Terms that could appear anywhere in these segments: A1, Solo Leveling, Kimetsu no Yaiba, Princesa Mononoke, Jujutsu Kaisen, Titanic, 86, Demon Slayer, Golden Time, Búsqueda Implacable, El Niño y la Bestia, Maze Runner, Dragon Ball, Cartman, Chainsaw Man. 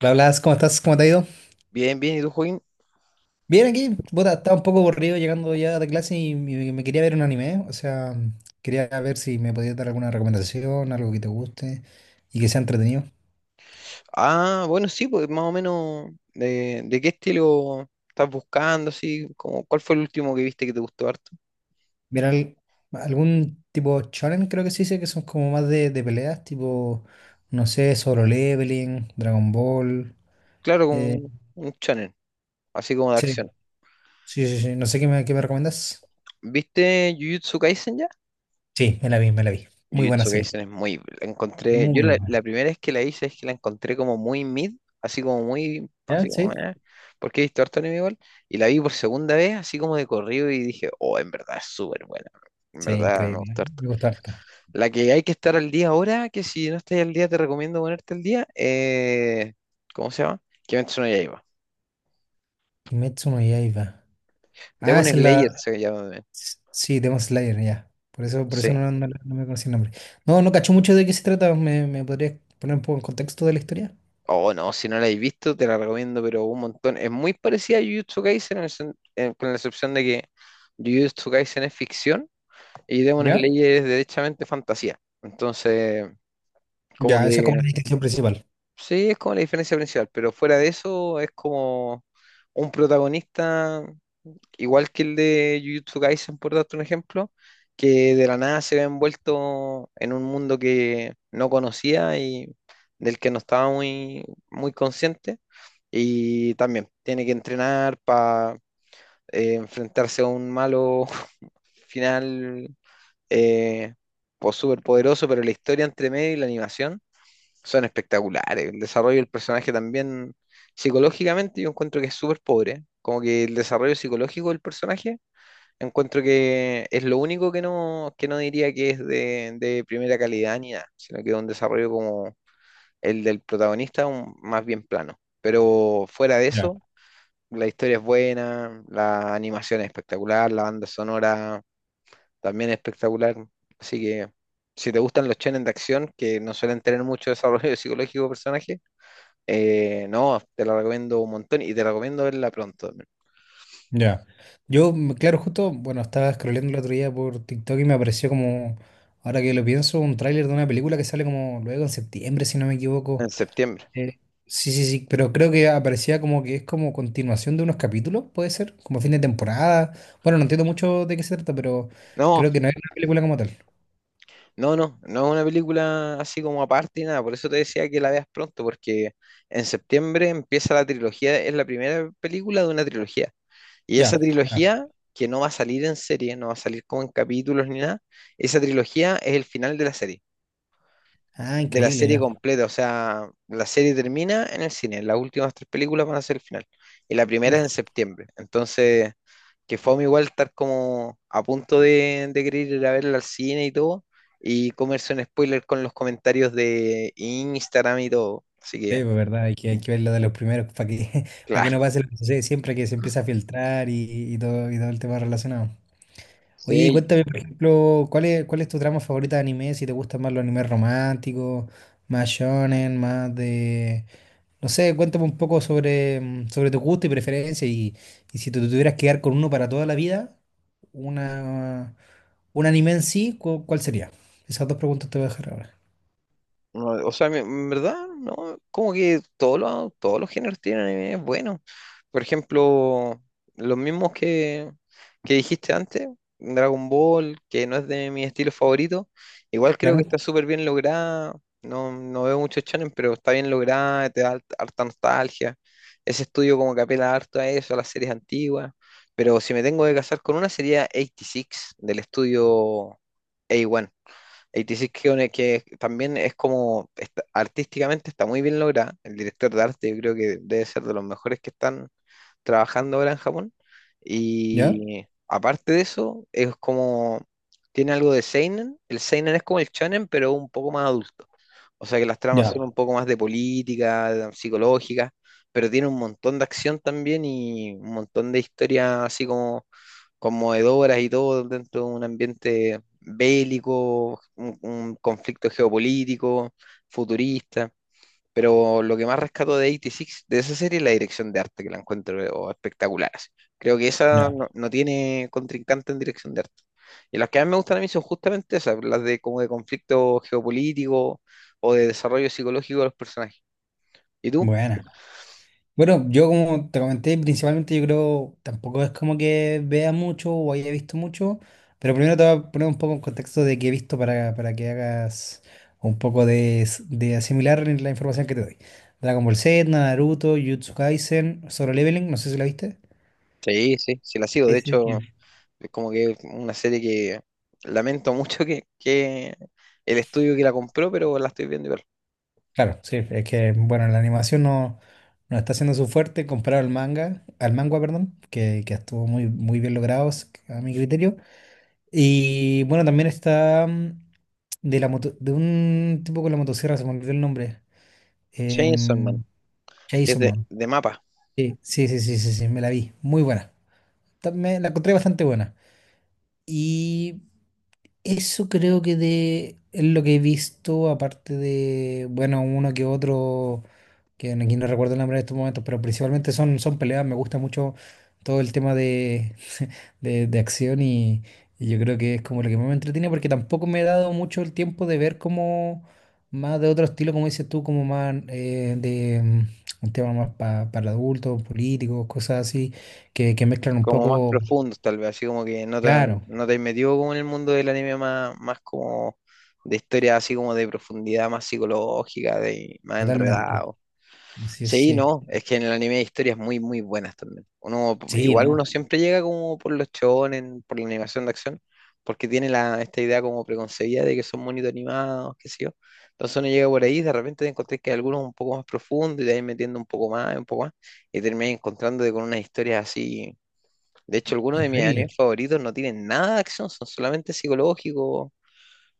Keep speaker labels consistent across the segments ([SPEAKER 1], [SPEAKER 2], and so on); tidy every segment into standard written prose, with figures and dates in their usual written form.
[SPEAKER 1] Hola, Blas, ¿cómo estás? ¿Cómo te ha ido?
[SPEAKER 2] Bien, bien, ¿y tú, Joaquín?
[SPEAKER 1] Bien, aquí, puta, estaba un poco aburrido llegando ya de clase y me quería ver un anime, o sea, quería ver si me podías dar alguna recomendación, algo que te guste y que sea entretenido.
[SPEAKER 2] Ah, bueno, sí, pues más o menos de qué estilo estás buscando, así, como, ¿cuál fue el último que viste que te gustó harto?
[SPEAKER 1] Mira, algún tipo shonen creo que sí sé que son como más de peleas, tipo, no sé, Solo Leveling, Dragon Ball.
[SPEAKER 2] Claro,
[SPEAKER 1] eh,
[SPEAKER 2] como un channel así como de
[SPEAKER 1] sí,
[SPEAKER 2] acción.
[SPEAKER 1] sí, sí, sí, no sé qué me recomiendas.
[SPEAKER 2] ¿Viste Jujutsu Kaisen ya?
[SPEAKER 1] Sí, me la vi. Muy buena
[SPEAKER 2] Jujutsu
[SPEAKER 1] serie,
[SPEAKER 2] Kaisen es muy, la encontré, yo
[SPEAKER 1] muy
[SPEAKER 2] la,
[SPEAKER 1] buena.
[SPEAKER 2] la primera vez que la hice es que la encontré como muy mid, así como muy, así
[SPEAKER 1] ¿Ya?
[SPEAKER 2] como,
[SPEAKER 1] Sí,
[SPEAKER 2] porque he visto harto anime igual, y la vi por segunda vez, así como de corrido, y dije, oh, en verdad es súper buena, en
[SPEAKER 1] sí,
[SPEAKER 2] verdad me
[SPEAKER 1] increíble,
[SPEAKER 2] gustó harto.
[SPEAKER 1] me gustó harto.
[SPEAKER 2] La que hay que estar al día ahora, que si no estás al día te recomiendo ponerte al día, ¿cómo se llama? Kimetsu no Yaiba.
[SPEAKER 1] Kimetsu no Yaiba. Ah,
[SPEAKER 2] Demon
[SPEAKER 1] esa es
[SPEAKER 2] Slayer
[SPEAKER 1] la.
[SPEAKER 2] se llama también.
[SPEAKER 1] Sí, Demon Slayer, ya. Por eso, por
[SPEAKER 2] Sí.
[SPEAKER 1] eso no me conocí el nombre. No, no cacho mucho de qué se trata. ¿Me podrías poner un poco en contexto de la historia?
[SPEAKER 2] Oh, no, si no la has visto, te la recomiendo, pero un montón. Es muy parecida a Jujutsu Kaisen, en el con la excepción de que Jujutsu Kaisen es ficción y Demon
[SPEAKER 1] ¿Ya?
[SPEAKER 2] Slayer es derechamente fantasía. Entonces, como
[SPEAKER 1] Ya, esa es
[SPEAKER 2] que
[SPEAKER 1] como la distinción principal.
[SPEAKER 2] sí, es como la diferencia principal, pero fuera de eso es como un protagonista igual que el de Jujutsu Kaisen, por darte un ejemplo, que de la nada se ve envuelto en un mundo que no conocía y del que no estaba muy consciente. Y también tiene que entrenar para enfrentarse a un malo final eh, pues súper poderoso, pero la historia entre medio y la animación son espectaculares. El desarrollo del personaje también psicológicamente yo encuentro que es súper pobre. Como que el desarrollo psicológico del personaje, encuentro que es lo único que no diría que es de primera calidad ni nada, sino que es un desarrollo como el del protagonista, más bien plano. Pero fuera de
[SPEAKER 1] Ya,
[SPEAKER 2] eso, la historia es buena, la animación es espectacular, la banda sonora también es espectacular. Así que si te gustan los shonen de acción, que no suelen tener mucho desarrollo psicológico de personaje, no, te la recomiendo un montón y te recomiendo verla pronto,
[SPEAKER 1] ya. Yo, claro, justo, bueno, estaba scrolleando el otro día por TikTok y me apareció como, ahora que lo pienso, un tráiler de una película que sale como luego en septiembre, si no me
[SPEAKER 2] en
[SPEAKER 1] equivoco.
[SPEAKER 2] septiembre.
[SPEAKER 1] Eh, sí, sí, sí, pero creo que aparecía como que es como continuación de unos capítulos, puede ser, como fin de temporada. Bueno, no entiendo mucho de qué se trata, pero
[SPEAKER 2] No,
[SPEAKER 1] creo que no es una película como tal.
[SPEAKER 2] No, no, no es una película así como aparte y nada, por eso te decía que la veas pronto, porque en septiembre empieza la trilogía, es la primera película de una trilogía. Y esa
[SPEAKER 1] Ya, ya.
[SPEAKER 2] trilogía, que no va a salir en serie, no va a salir como en capítulos ni nada, esa trilogía es el final
[SPEAKER 1] Ah,
[SPEAKER 2] de la
[SPEAKER 1] increíble,
[SPEAKER 2] serie
[SPEAKER 1] ya.
[SPEAKER 2] completa, o sea, la serie termina en el cine, las últimas tres películas van a ser el final, y la primera es en
[SPEAKER 1] Uf,
[SPEAKER 2] septiembre. Entonces que fue igual estar como a punto de querer ir a verla al cine y todo, y comerse un spoiler con los comentarios de Instagram y todo. Así
[SPEAKER 1] sí,
[SPEAKER 2] que,
[SPEAKER 1] pues, verdad, hay que, hay
[SPEAKER 2] mm,
[SPEAKER 1] que ver lo de los primeros para que, para que no
[SPEAKER 2] claro.
[SPEAKER 1] pase lo que sucede siempre que se empieza a filtrar y todo el tema relacionado. Oye, y
[SPEAKER 2] Sí,
[SPEAKER 1] cuéntame, por ejemplo, ¿cuál es tu trama favorita de anime? Si te gustan más los animes románticos, más shonen, más de No sé, cuéntame un poco sobre, sobre tu gusto y preferencia y si te tuvieras que quedar con uno para toda la vida, una, un anime en sí, ¿cuál sería? Esas dos preguntas te voy a dejar ahora.
[SPEAKER 2] no, o sea, en verdad, no, como que todos los géneros tienen anime bueno. Por ejemplo, los mismos que dijiste antes, Dragon Ball, que no es de mi estilo favorito, igual creo que
[SPEAKER 1] ¿Claro?
[SPEAKER 2] está súper bien lograda. No, no veo muchos shonen, pero está bien lograda, te da harta nostalgia. Ese estudio como que apela harto a eso, a las series antiguas. Pero si me tengo que casar con una sería 86 del estudio A1. 86 que también es como artísticamente está muy bien lograda. El director de arte yo creo que debe ser de los mejores que están trabajando ahora en Japón.
[SPEAKER 1] ¿Ya?
[SPEAKER 2] Y aparte de eso, es como, tiene algo de seinen. El seinen es como el shonen, pero un poco más adulto. O sea que las tramas son
[SPEAKER 1] Ya,
[SPEAKER 2] un poco más de política, psicológica, pero tiene un montón de acción también y un montón de historias así como conmovedoras y todo dentro de un ambiente bélico, un conflicto geopolítico, futurista. Pero lo que más rescato de 86, de esa serie, es la dirección de arte, que la encuentro oh, espectacular, así. Creo que esa
[SPEAKER 1] ya.
[SPEAKER 2] no, no tiene contrincante en dirección de arte. Y las que a mí me gustan a mí son justamente esas, las de como de conflicto geopolítico o de desarrollo psicológico de los personajes. ¿Y tú?
[SPEAKER 1] Buena. Bueno, yo como te comenté, principalmente yo creo, tampoco es como que vea mucho o haya visto mucho, pero primero te voy a poner un poco en contexto de qué he visto para que hagas un poco de asimilar la información que te doy. Dragon Ball Z, Naruto, Jujutsu Kaisen, Solo Leveling, no sé si la viste.
[SPEAKER 2] Sí, sí, sí la sigo. De
[SPEAKER 1] Ese que-
[SPEAKER 2] hecho, es como que es una serie que lamento mucho que el estudio que la compró, pero la estoy viendo igual.
[SPEAKER 1] Claro, sí, es que, bueno, la animación no está siendo su fuerte comparado al manga, perdón, que estuvo muy, muy bien logrado a mi criterio. Y bueno, también está de un tipo con la motosierra, se me olvidó el nombre.
[SPEAKER 2] Chainsaw Man,
[SPEAKER 1] Em,
[SPEAKER 2] que es
[SPEAKER 1] Chainsaw
[SPEAKER 2] de,
[SPEAKER 1] Man.
[SPEAKER 2] de mapa.
[SPEAKER 1] Sí, sí, sí, sí, sí, sí, me la vi. Muy buena. La encontré bastante buena. Y eso creo que es lo que he visto, aparte de, bueno, uno que otro, que no- aquí no recuerdo el nombre en estos momentos, pero principalmente son peleas. Me gusta mucho todo el tema de acción y yo creo que es como lo que más me entretiene porque tampoco me he dado mucho el tiempo de ver como más de otro estilo, como dices tú, como más de un tema más para adultos, políticos, cosas así, que mezclan un
[SPEAKER 2] Como más
[SPEAKER 1] poco,
[SPEAKER 2] profundos tal vez, así como que no
[SPEAKER 1] claro,
[SPEAKER 2] no te has metido como en el mundo del anime más como de historia así como de profundidad más psicológica, de más
[SPEAKER 1] totalmente.
[SPEAKER 2] enredado.
[SPEAKER 1] Sí,
[SPEAKER 2] Sí,
[SPEAKER 1] sí,
[SPEAKER 2] no, es que en el anime hay historias muy, muy buenas también. Uno,
[SPEAKER 1] sí,
[SPEAKER 2] igual
[SPEAKER 1] ¿no?
[SPEAKER 2] uno siempre llega como por los shonen, por la animación de acción, porque tiene esta idea como preconcebida de que son bonitos animados, qué sé yo. Entonces uno llega por ahí, y de repente te encontrás que hay algunos un poco más profundos y te vas metiendo un poco más, un poco y terminas encontrándote con unas historias así. De hecho, algunos de mis
[SPEAKER 1] Increíble,
[SPEAKER 2] animes favoritos no tienen nada de acción, son solamente psicológicos.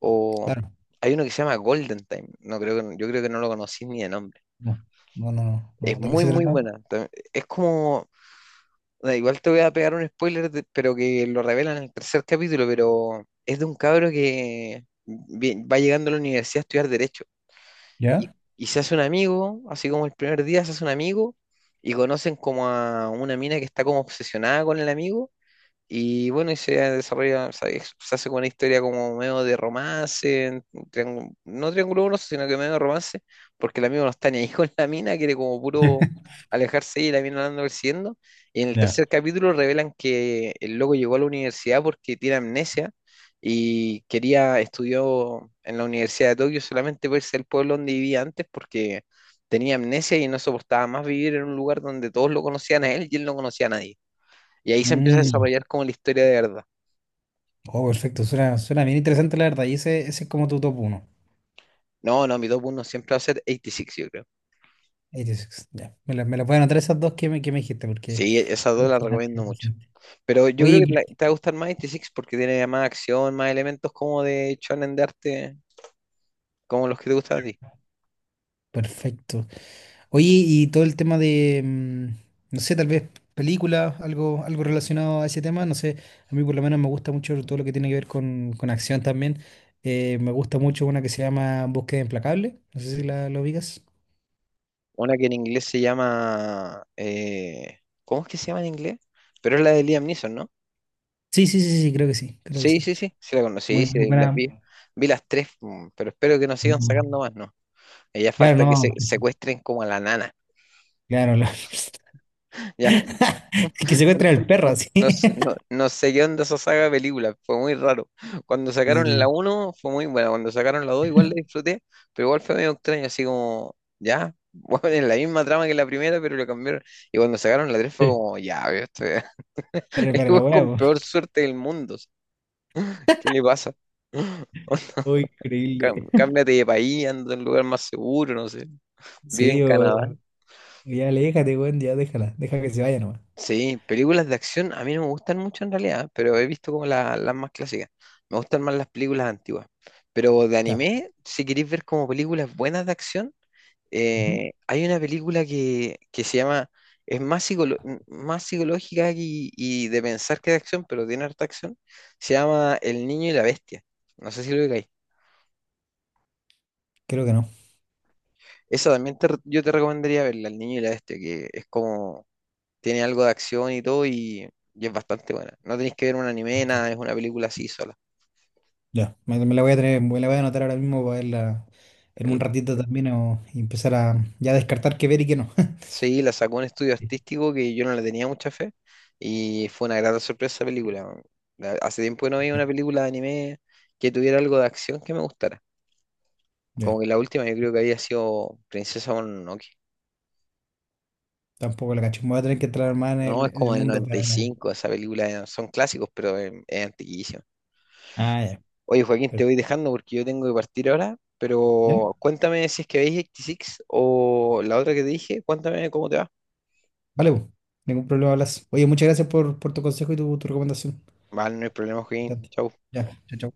[SPEAKER 2] O
[SPEAKER 1] claro.
[SPEAKER 2] hay uno que se llama Golden Time. No creo que yo creo que no lo conocí ni de nombre.
[SPEAKER 1] No, no, no, no,
[SPEAKER 2] Es
[SPEAKER 1] no. ¿De qué
[SPEAKER 2] muy
[SPEAKER 1] se
[SPEAKER 2] muy
[SPEAKER 1] trata?
[SPEAKER 2] buena. Es como da, igual te voy a pegar un spoiler, pero que lo revelan en el tercer capítulo, pero es de un cabro que va llegando a la universidad a estudiar derecho y,
[SPEAKER 1] ¿Ya?
[SPEAKER 2] y se hace un amigo, así como el primer día se hace un amigo y conocen como a una mina que está como obsesionada con el amigo. Y bueno, y se desarrolla, o sea, se hace como una historia como medio de romance, no triángulo amoroso, sino que medio de romance, porque el amigo no está ni ahí con la mina, quiere como puro alejarse y la mina la anda persiguiendo. Y en el
[SPEAKER 1] Ya.
[SPEAKER 2] tercer capítulo revelan que el loco llegó a la universidad porque tiene amnesia y estudió en la Universidad de Tokio solamente por ser el pueblo donde vivía antes, porque tenía amnesia y no soportaba más vivir en un lugar donde todos lo conocían a él y él no conocía a nadie. Y ahí se empieza a
[SPEAKER 1] Mm,
[SPEAKER 2] desarrollar como la historia de verdad.
[SPEAKER 1] Oh, perfecto, suena bien interesante la verdad. Y ese es como tu top uno
[SPEAKER 2] No, no, mi top 1 siempre va a ser 86, yo creo.
[SPEAKER 1] 86, ya. Me la pueden anotar esas dos que me dijiste, porque...
[SPEAKER 2] Sí, esas dos las
[SPEAKER 1] son las que
[SPEAKER 2] recomiendo
[SPEAKER 1] me
[SPEAKER 2] mucho.
[SPEAKER 1] dijiste.
[SPEAKER 2] Pero yo creo
[SPEAKER 1] Oye,
[SPEAKER 2] que te va a gustar más 86 porque tiene más acción, más elementos como de shonen de arte, como los que te gustan a ti.
[SPEAKER 1] perfecto. Oye, y todo el tema de, no sé, tal vez película algo relacionado a ese tema, no sé, a mí por lo menos me gusta mucho todo lo que tiene que ver con acción también. Me gusta mucho una que se llama Búsqueda Implacable, no sé si la ubicas.
[SPEAKER 2] Una que en inglés se llama, ¿cómo es que se llama en inglés? Pero es la de Liam Neeson, ¿no?
[SPEAKER 1] Sí, sí, sí, sí, creo que sí, creo que
[SPEAKER 2] Sí,
[SPEAKER 1] sí.
[SPEAKER 2] sí, sí, sí la conocí,
[SPEAKER 1] Muy,
[SPEAKER 2] sí,
[SPEAKER 1] muy
[SPEAKER 2] sí, las
[SPEAKER 1] buena.
[SPEAKER 2] vi. Vi las tres, pero espero que nos sigan sacando
[SPEAKER 1] Mm.
[SPEAKER 2] más, ¿no? Ya
[SPEAKER 1] Claro,
[SPEAKER 2] falta que
[SPEAKER 1] no,
[SPEAKER 2] se
[SPEAKER 1] que sí.
[SPEAKER 2] secuestren como a la nana.
[SPEAKER 1] Claro,
[SPEAKER 2] Ya
[SPEAKER 1] que se encuentra el perro, sí.
[SPEAKER 2] no sé, no, no sé qué onda esa saga de películas, fue muy raro. Cuando
[SPEAKER 1] Sí,
[SPEAKER 2] sacaron la
[SPEAKER 1] sí,
[SPEAKER 2] uno fue muy buena, cuando sacaron la 2 igual la disfruté, pero igual fue medio extraño, así como, ya, bueno, es la misma trama que la primera, pero lo cambiaron. Y cuando sacaron la 3 fue
[SPEAKER 1] sí.
[SPEAKER 2] como, ya, veo,
[SPEAKER 1] Para
[SPEAKER 2] este
[SPEAKER 1] la
[SPEAKER 2] weón
[SPEAKER 1] hueá,
[SPEAKER 2] con
[SPEAKER 1] po.
[SPEAKER 2] peor suerte del mundo, o sea, ¿qué le pasa?
[SPEAKER 1] Uy, increíble.
[SPEAKER 2] Cámbiate de país, anda en un lugar más seguro, no sé, vive en
[SPEAKER 1] Sí,
[SPEAKER 2] Canadá.
[SPEAKER 1] o ya aléjate, weón, ya déjala, deja que se vaya nomás.
[SPEAKER 2] Sí, películas de acción a mí no me gustan mucho en realidad, pero he visto como las más clásicas. Me gustan más las películas antiguas. Pero de
[SPEAKER 1] Ya.
[SPEAKER 2] anime, si queréis ver como películas buenas de acción,
[SPEAKER 1] Ujú.
[SPEAKER 2] hay una película que se llama, es más, más psicológica y de pensar que de acción, pero tiene harta acción. Se llama El Niño y la Bestia. No sé si lo veis.
[SPEAKER 1] Creo que no.
[SPEAKER 2] Esa también yo te recomendaría verla, El Niño y la Bestia, que es como tiene algo de acción y todo y es bastante buena. No tenéis que ver un anime,
[SPEAKER 1] Perfecto.
[SPEAKER 2] nada, es una película así sola.
[SPEAKER 1] Ya, me la voy a tener, me la voy a anotar ahora mismo para verla en
[SPEAKER 2] El-
[SPEAKER 1] un ratito también y empezar a ya descartar qué ver y qué no.
[SPEAKER 2] Sí, la sacó un estudio
[SPEAKER 1] Sí,
[SPEAKER 2] artístico que yo no le tenía mucha fe y fue una grata sorpresa esa película, weón. Hace tiempo que no veía
[SPEAKER 1] sí.
[SPEAKER 2] una película de anime que tuviera algo de acción que me gustara. Como
[SPEAKER 1] Ya,
[SPEAKER 2] que la última yo creo que había sido Princesa Mononoke.
[SPEAKER 1] tampoco la cacho. Me voy a tener que entrar más en
[SPEAKER 2] No,
[SPEAKER 1] el,
[SPEAKER 2] es
[SPEAKER 1] en el
[SPEAKER 2] como del
[SPEAKER 1] mundo
[SPEAKER 2] noventa y
[SPEAKER 1] para.
[SPEAKER 2] cinco esa película, son clásicos, pero es antiquísima.
[SPEAKER 1] Ah, ya.
[SPEAKER 2] Oye, Joaquín, te
[SPEAKER 1] per-
[SPEAKER 2] voy dejando porque yo tengo que partir ahora,
[SPEAKER 1] Ya,
[SPEAKER 2] pero cuéntame si es que veis 86 o la otra que te dije, cuéntame cómo te va.
[SPEAKER 1] vale, po. Ningún problema, hablas. Oye, muchas gracias por tu consejo y tu recomendación.
[SPEAKER 2] Vale, no hay problema, Joaquín.
[SPEAKER 1] Bastante.
[SPEAKER 2] Chau.
[SPEAKER 1] Ya, chao, chao.